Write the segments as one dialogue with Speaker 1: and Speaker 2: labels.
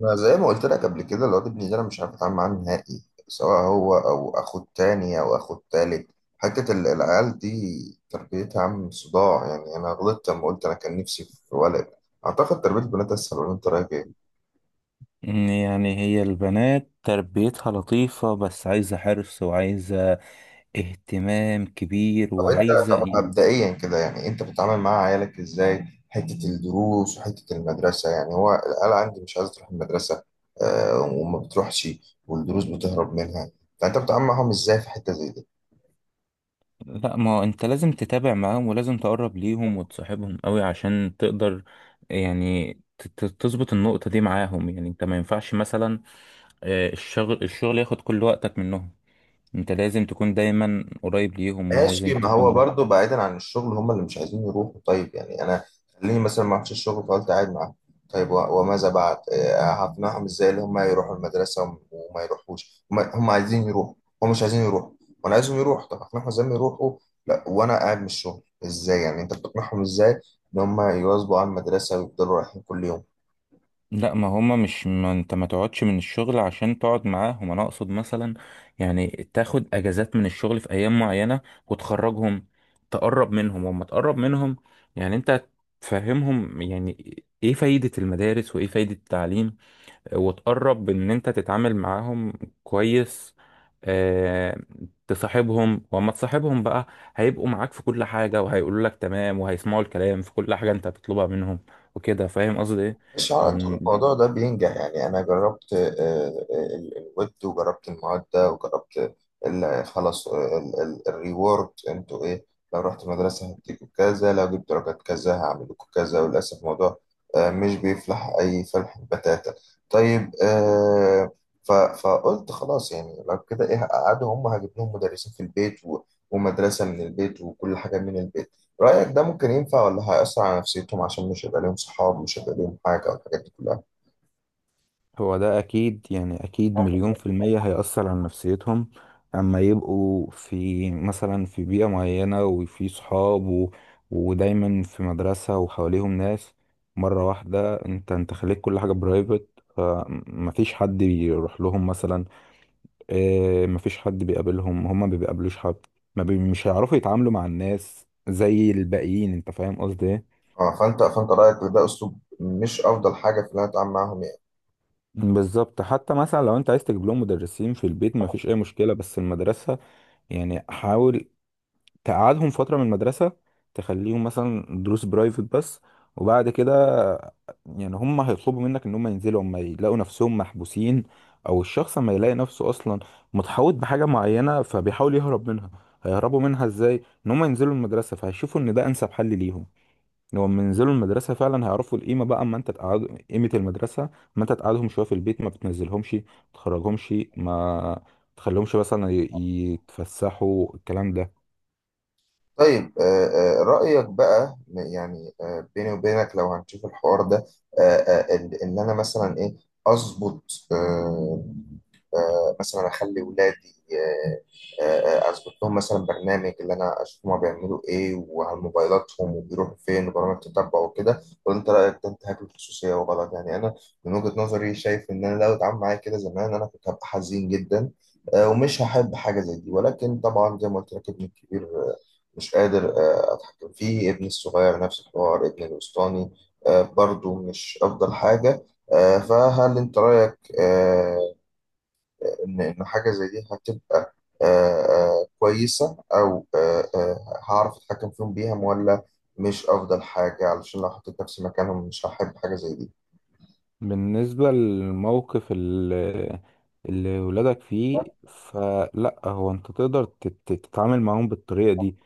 Speaker 1: ما زي ما قلت لك قبل كده الواد ابني ده، انا مش عارف اتعامل معاه نهائي، سواء هو او اخوه التاني او اخوه التالت. حتة العيال دي تربيتها عم صداع. يعني انا غلطت لما قلت انا كان نفسي في ولد. اعتقد تربية البنات اسهل، ولا انت رايك ايه؟
Speaker 2: يعني هي البنات تربيتها لطيفة، بس عايزة حرص وعايزة اهتمام كبير
Speaker 1: طب انت
Speaker 2: وعايزة
Speaker 1: طب
Speaker 2: إيه؟
Speaker 1: مبدئيا كده، يعني انت بتتعامل مع عيالك ازاي؟ حتة الدروس وحتة المدرسة، يعني هو العيال عندي مش عايزة تروح المدرسة. آه، وما بتروحش. والدروس بتهرب منها. فانت بتتعامل معاهم ازاي في حتة زي دي؟
Speaker 2: لا، ما هو انت لازم تتابع معاهم ولازم تقرب ليهم وتصاحبهم قوي عشان تقدر يعني تظبط النقطة دي معاهم. يعني انت ما ينفعش مثلا الشغل ياخد كل وقتك منهم. انت لازم تكون دايما قريب ليهم
Speaker 1: ماشي،
Speaker 2: ولازم
Speaker 1: ما هو
Speaker 2: تكون.
Speaker 1: برضه بعيدا عن الشغل هم اللي مش عايزين يروحوا. طيب يعني انا، خليني مثلا ما رحتش الشغل فقلت قاعد معاهم. طيب وماذا بعد؟ هقنعهم ازاي اللي هم يروحوا المدرسه وما يروحوش؟ هم عايزين يروحوا؟ هم مش عايزين يروحوا، وانا عايزهم يروحوا. طب هقنعهم ازاي ما يروحوا؟ لا وانا قاعد من الشغل، ازاي يعني انت بتقنعهم ازاي ان هم يواظبوا على المدرسه ويفضلوا رايحين كل يوم؟
Speaker 2: لا، ما هما مش ما انت ما تقعدش من الشغل عشان تقعد معاهم، انا اقصد مثلا يعني تاخد اجازات من الشغل في ايام معينة وتخرجهم، تقرب منهم وما تقرب منهم. يعني انت تفهمهم يعني ايه فايدة المدارس وايه فايدة التعليم، وتقرب ان انت تتعامل معاهم كويس. اه تصاحبهم وما تصاحبهم بقى هيبقوا معاك في كل حاجة، وهيقولوا لك تمام، وهيسمعوا الكلام في كل حاجة انت بتطلبها منهم، وكده. فاهم قصدي ايه؟
Speaker 1: مش على طول الموضوع ده بينجح. يعني أنا جربت الويب، وجربت المعدة، وجربت خلاص الريورد أنتوا إيه. لو رحت مدرسة هديكوا كذا، لو جبت درجات كذا هعمل لكم كذا، وللأسف الموضوع مش بيفلح أي فلح بتاتا. طيب، فقلت خلاص. يعني لو كده إيه، هقعدهم، هم هجيب لهم مدرسين في البيت ومدرسة من البيت وكل حاجة من البيت. رأيك ده ممكن ينفع، ولا هيأثر على نفسيتهم عشان مش هيبقى ليهم صحاب، مش هيبقى ليهم حاجة والحاجات دي كلها؟
Speaker 2: هو ده أكيد، يعني أكيد مليون في المية هيأثر على نفسيتهم. أما يبقوا في مثلا في بيئة معينة وفي صحاب ودايما في مدرسة وحواليهم ناس، مرة واحدة أنت خليت كل حاجة برايفت، فمفيش حد بيروح لهم مثلا، مفيش حد بيقابلهم، هما ما بيقابلوش حد. ما بي... مش هيعرفوا يتعاملوا مع الناس زي الباقيين. أنت فاهم قصدي إيه؟
Speaker 1: اه، فأنت رأيك إن ده أسلوب مش أفضل حاجة في إن أنا أتعامل معاهم، يعني.
Speaker 2: بالظبط. حتى مثلا لو أنت عايز تجيب لهم مدرسين في البيت مفيش أي مشكلة، بس المدرسة يعني حاول تقعدهم فترة من المدرسة، تخليهم مثلا دروس برايفت بس، وبعد كده يعني هم هيطلبوا منك ان هم ينزلوا، اما يلاقوا نفسهم محبوسين، او الشخص اما يلاقي نفسه اصلا متحوط بحاجة معينة فبيحاول يهرب منها. هيهربوا منها ازاي؟ ان هم ينزلوا المدرسة، فهيشوفوا ان ده انسب حل ليهم. لو لما ينزلوا المدرسة فعلا هيعرفوا القيمة بقى. اما انت تقعد قيمة المدرسة، اما انت تقعدهم شوية في البيت ما بتنزلهمش، ما تخرجهمش، ما تخليهمش مثلا يتفسحوا، الكلام ده.
Speaker 1: طيب رأيك بقى، يعني بيني وبينك لو هنشوف الحوار ده، إن أنا مثلا إيه، أظبط، آه، مثلا اخلي ولادي، اظبط لهم مثلا برنامج اللي انا اشوف هما بيعملوا ايه، وعلى موبايلاتهم وبيروحوا فين، وبرامج تتبع وكده. ولا انت رايك ده انتهاك للخصوصيه وغلط؟ يعني انا من وجهه نظري شايف ان انا لو اتعامل معايا كده زمان انا كنت هبقى حزين جدا. ومش هحب حاجه زي دي. ولكن طبعا زي ما قلت لك ابني الكبير مش قادر اتحكم فيه، ابني الصغير نفس الحوار، ابني الوسطاني برضو مش افضل حاجه. فهل انت رايك ان حاجه زي دي هتبقى آه، كويسه، او هعرف اتحكم فيهم بيها، ولا مش افضل حاجه؟ علشان لو حطيت نفسي مكانهم مش هحب حاجه زي دي.
Speaker 2: بالنسبة للموقف اللي ولادك فيه، فلا، هو انت تقدر تتعامل معاهم بالطريقة دي.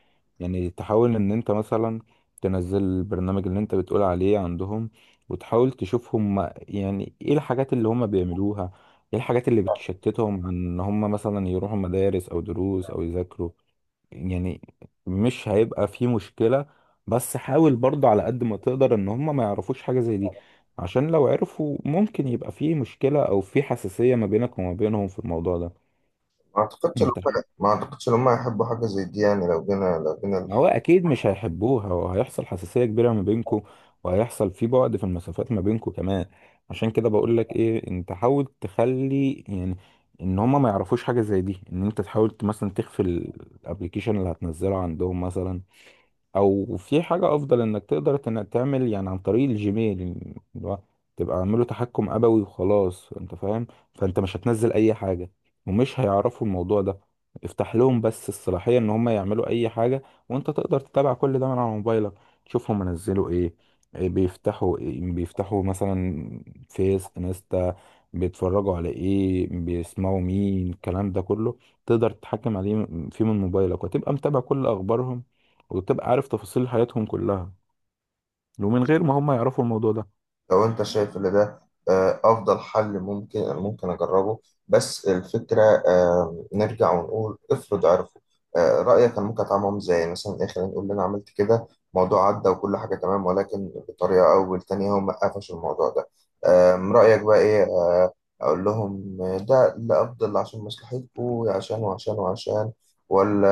Speaker 2: يعني تحاول ان انت مثلا تنزل البرنامج اللي انت بتقول عليه عندهم، وتحاول تشوف هم يعني ايه الحاجات اللي هم بيعملوها، ايه الحاجات اللي بتشتتهم عن ان هم مثلا يروحوا مدارس او دروس او يذاكروا. يعني مش هيبقى في مشكلة، بس حاول برضه على قد ما تقدر ان هم ما يعرفوش حاجة زي دي، عشان لو عرفوا ممكن يبقى في مشكلة او في حساسية ما بينك وما بينهم في الموضوع ده.
Speaker 1: ما اعتقدش ان هم
Speaker 2: انت
Speaker 1: ما اعتقدش ان هم هيحبوا حاجه زي دي. يعني لو جينا،
Speaker 2: هو اكيد مش هيحبوها، وهيحصل حساسية كبيرة ما بينكوا، وهيحصل في بعد في المسافات ما بينكوا كمان. عشان كده بقول لك ايه، انت حاول تخلي يعني ان هما ما يعرفوش حاجة زي دي، ان انت تحاول مثلا تخفي الابليكيشن اللي هتنزله عندهم مثلا، او في حاجه افضل انك تقدر انك تعمل يعني عن طريق الجيميل، اللي هو تبقى عامله تحكم ابوي وخلاص. انت فاهم؟ فانت مش هتنزل اي حاجه ومش هيعرفوا الموضوع ده. افتح لهم بس الصلاحيه ان هم يعملوا اي حاجه، وانت تقدر تتابع كل ده من على موبايلك. تشوفهم منزلوا ايه، إيه بيفتحوا، إيه بيفتحوا مثلا، فيس، انستا، بيتفرجوا على ايه، بيسمعوا مين، الكلام ده كله تقدر تتحكم عليه فيه من موبايلك، وتبقى متابع كل اخبارهم، وتبقى عارف تفاصيل حياتهم كلها، ومن غير ما هم يعرفوا الموضوع ده.
Speaker 1: لو انت شايف ان ده افضل حل، ممكن اجربه. بس الفكره، نرجع ونقول، افرض عرفوا، رايك كان ممكن اتعامل معاهم ازاي؟ مثلا ايه، خلينا نقول ان انا عملت كده، موضوع عدى وكل حاجه تمام، ولكن بطريقه او بالتانيه هم قفشوا الموضوع ده. رايك بقى ايه، اقول لهم ده اللي افضل عشان مصلحتكم، عشان وعشان وعشان؟ ولا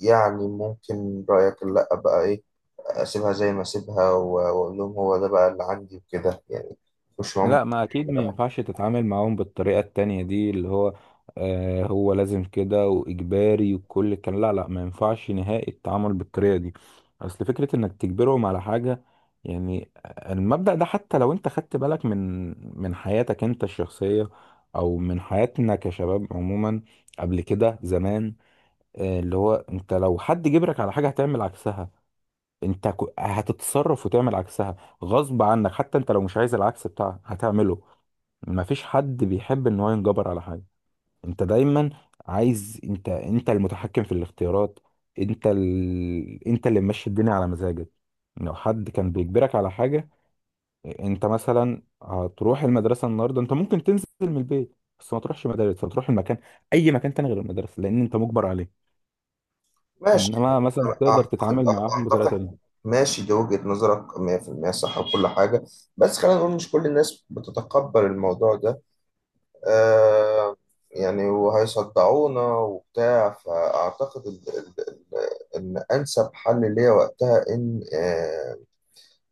Speaker 1: يعني ممكن رايك لا بقى ايه، اسيبها زي ما اسيبها واقول لهم هو ده بقى اللي عندي وكده، يعني مش معاهم؟
Speaker 2: لا، ما اكيد ما ينفعش تتعامل معاهم بالطريقة التانية دي، اللي هو آه هو لازم كده واجباري وكل الكلام. لا لا، ما ينفعش نهائي التعامل بالطريقة دي. اصل فكرة انك تجبرهم على حاجة، يعني المبدأ ده، حتى لو انت خدت بالك من حياتك انت الشخصية او من حياتنا كشباب عموما قبل كده زمان، اللي هو انت لو حد جبرك على حاجة هتعمل عكسها. انت هتتصرف وتعمل عكسها غصب عنك، حتى انت لو مش عايز العكس بتاعها هتعمله. مفيش حد بيحب ان هو ينجبر على حاجة. انت دايما عايز، انت المتحكم في الاختيارات، انت انت اللي ماشي الدنيا على مزاجك. لو حد كان بيجبرك على حاجة، انت مثلا هتروح المدرسة النهاردة، انت ممكن تنزل من البيت بس ما تروحش مدارس، هتروح المكان، اي مكان تاني غير المدرسة، لان انت مجبر عليه.
Speaker 1: ماشي.
Speaker 2: انما مثلا تقدر
Speaker 1: اعتقد
Speaker 2: تتعامل معاهم بطريقة
Speaker 1: أعتقد-
Speaker 2: تانية.
Speaker 1: ماشي، دي وجهة نظرك 100% صح وكل حاجة، بس خلينا نقول مش كل الناس بتتقبل الموضوع ده. آه، يعني وهيصدعونا وبتاع، فأعتقد إن أنسب حل ليا وقتها إن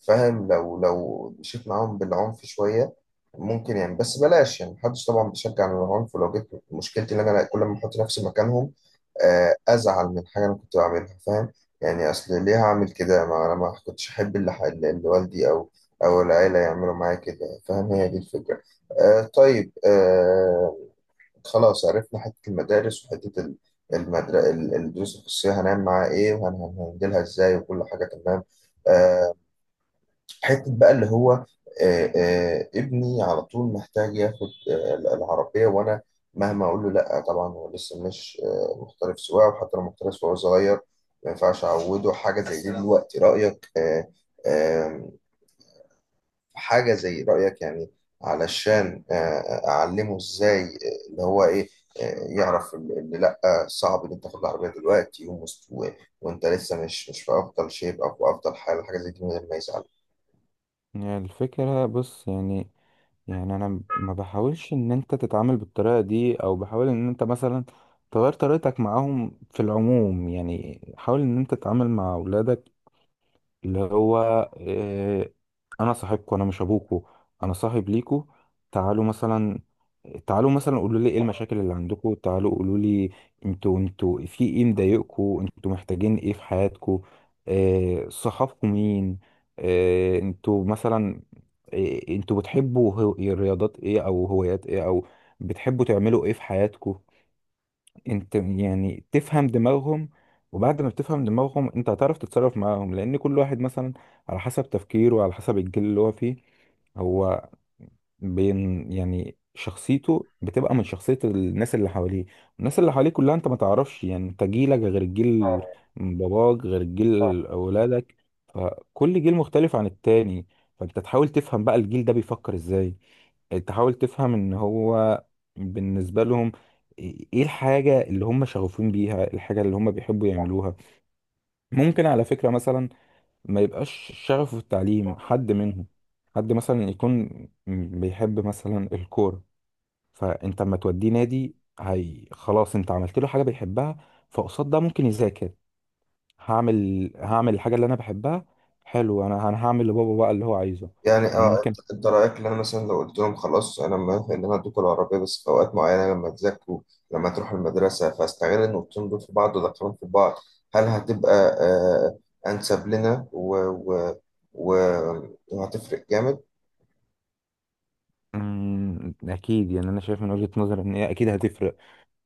Speaker 1: فاهم، لو مشيت معاهم بالعنف شوية ممكن. يعني بس بلاش، يعني محدش طبعا بيشجع على العنف، ولو جيت مشكلتي ان انا كل ما احط نفسي مكانهم ازعل من حاجة انا كنت بعملها، فاهم؟ يعني اصل ليه هعمل كده، ما انا ما كنتش احب اللي اللي والدي او او العيلة يعملوا معايا كده، فاهم؟ هي دي الفكرة. آه طيب. آه، خلاص عرفنا حتة المدارس وحتة الدروس الخصوصية، هنعمل معاها ايه وهنهندلها ازاي وكل حاجة تمام. آه، حتة بقى اللي هو ابني على طول محتاج ياخد العربية، وأنا مهما أقول له لأ. طبعا هو لسه مش محترف سواقة، وحتى لو محترف وهو صغير ما ينفعش أعوده حاجة زي دي دلوقتي. رأيك آم، حاجة، زي رأيك يعني، علشان أعلمه إزاي اللي هو إيه يعرف اللي لأ، صعب إن أنت تاخد العربية دلوقتي وأنت لسه مش في أفضل شيب، أو في أفضل حال، حاجة زي دي من غير ما يزعل.
Speaker 2: يعني الفكرة بص يعني، يعني انا ما بحاولش ان انت تتعامل بالطريقة دي، او بحاول ان انت مثلا تغير طريقتك معاهم في العموم. يعني حاول ان انت تتعامل مع اولادك اللي هو آه، انا صاحبكم، انا مش ابوكم، انا صاحب ليكم. تعالوا مثلا، قولوا لي ايه المشاكل اللي عندكم، تعالوا قولوا لي انتوا، في ايه مضايقكم، انتوا محتاجين ايه في حياتكم، آه صحابكم مين، انتوا مثلا، انتوا بتحبوا رياضات ايه او هوايات ايه، او بتحبوا تعملوا ايه في حياتكم. انت يعني تفهم دماغهم، وبعد ما بتفهم دماغهم انت هتعرف تتصرف معاهم، لان كل واحد مثلا على حسب تفكيره وعلى حسب الجيل اللي هو فيه، هو بين يعني شخصيته بتبقى من شخصية الناس اللي حواليه، الناس اللي حواليه كلها. انت ما تعرفش، يعني انت جيلك غير جيل باباك غير جيل اولادك، فكل جيل مختلف عن التاني. فانت تحاول تفهم بقى الجيل ده بيفكر ازاي، تحاول تفهم ان هو بالنسبة لهم ايه الحاجة اللي هم شغوفين بيها، الحاجة اللي هم بيحبوا يعملوها. ممكن على فكرة مثلا ما يبقاش شغفه في التعليم حد منهم، حد مثلا يكون بيحب مثلا الكورة، فانت اما توديه نادي، هي خلاص انت عملت له حاجة بيحبها، فقصاد ده ممكن يذاكر. هعمل الحاجة اللي انا بحبها، حلو، انا هعمل لبابا بقى اللي هو عايزه.
Speaker 1: يعني اه.
Speaker 2: ممكن.
Speaker 1: أنت رايك ان انا مثلا لو قلت لهم خلاص انا موافق ان انا ادوكوا العربيه بس في اوقات معينه لما تذاكروا، لما تروحوا المدرسه، فاستغل النقطتين دول في بعض وادخلهم في بعض، هل هتبقى آه انسب لنا و... و... و... وهتفرق جامد؟
Speaker 2: اكيد يعني انا شايف من وجهة نظري ان هي اكيد هتفرق.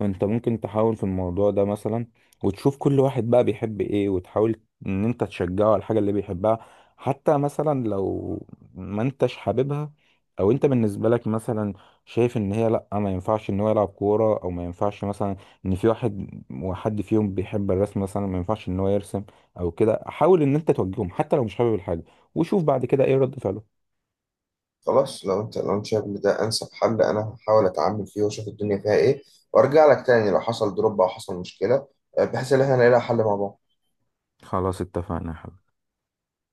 Speaker 2: انت ممكن تحاول في الموضوع ده مثلا، وتشوف كل واحد بقى بيحب ايه، وتحاول ان انت تشجعه على الحاجة اللي بيحبها. حتى مثلا لو ما انتش حاببها، او انت بالنسبة لك مثلا شايف ان هي لا ما ينفعش ان هو يلعب كورة، او ما ينفعش مثلا ان في واحد وحد فيهم بيحب الرسم مثلا ما ينفعش ان هو يرسم او كده، حاول ان انت توجههم حتى لو مش حابب الحاجة، وشوف بعد كده ايه رد فعله.
Speaker 1: خلاص، لو انت شايف ان ده انسب حل انا هحاول اتعامل فيه واشوف الدنيا فيها ايه، وارجع لك تاني لو حصل دروب او حصل مشكله، بحيث ان احنا نلاقي لها حل مع بعض.
Speaker 2: خلاص، اتفقنا يا حبيبي.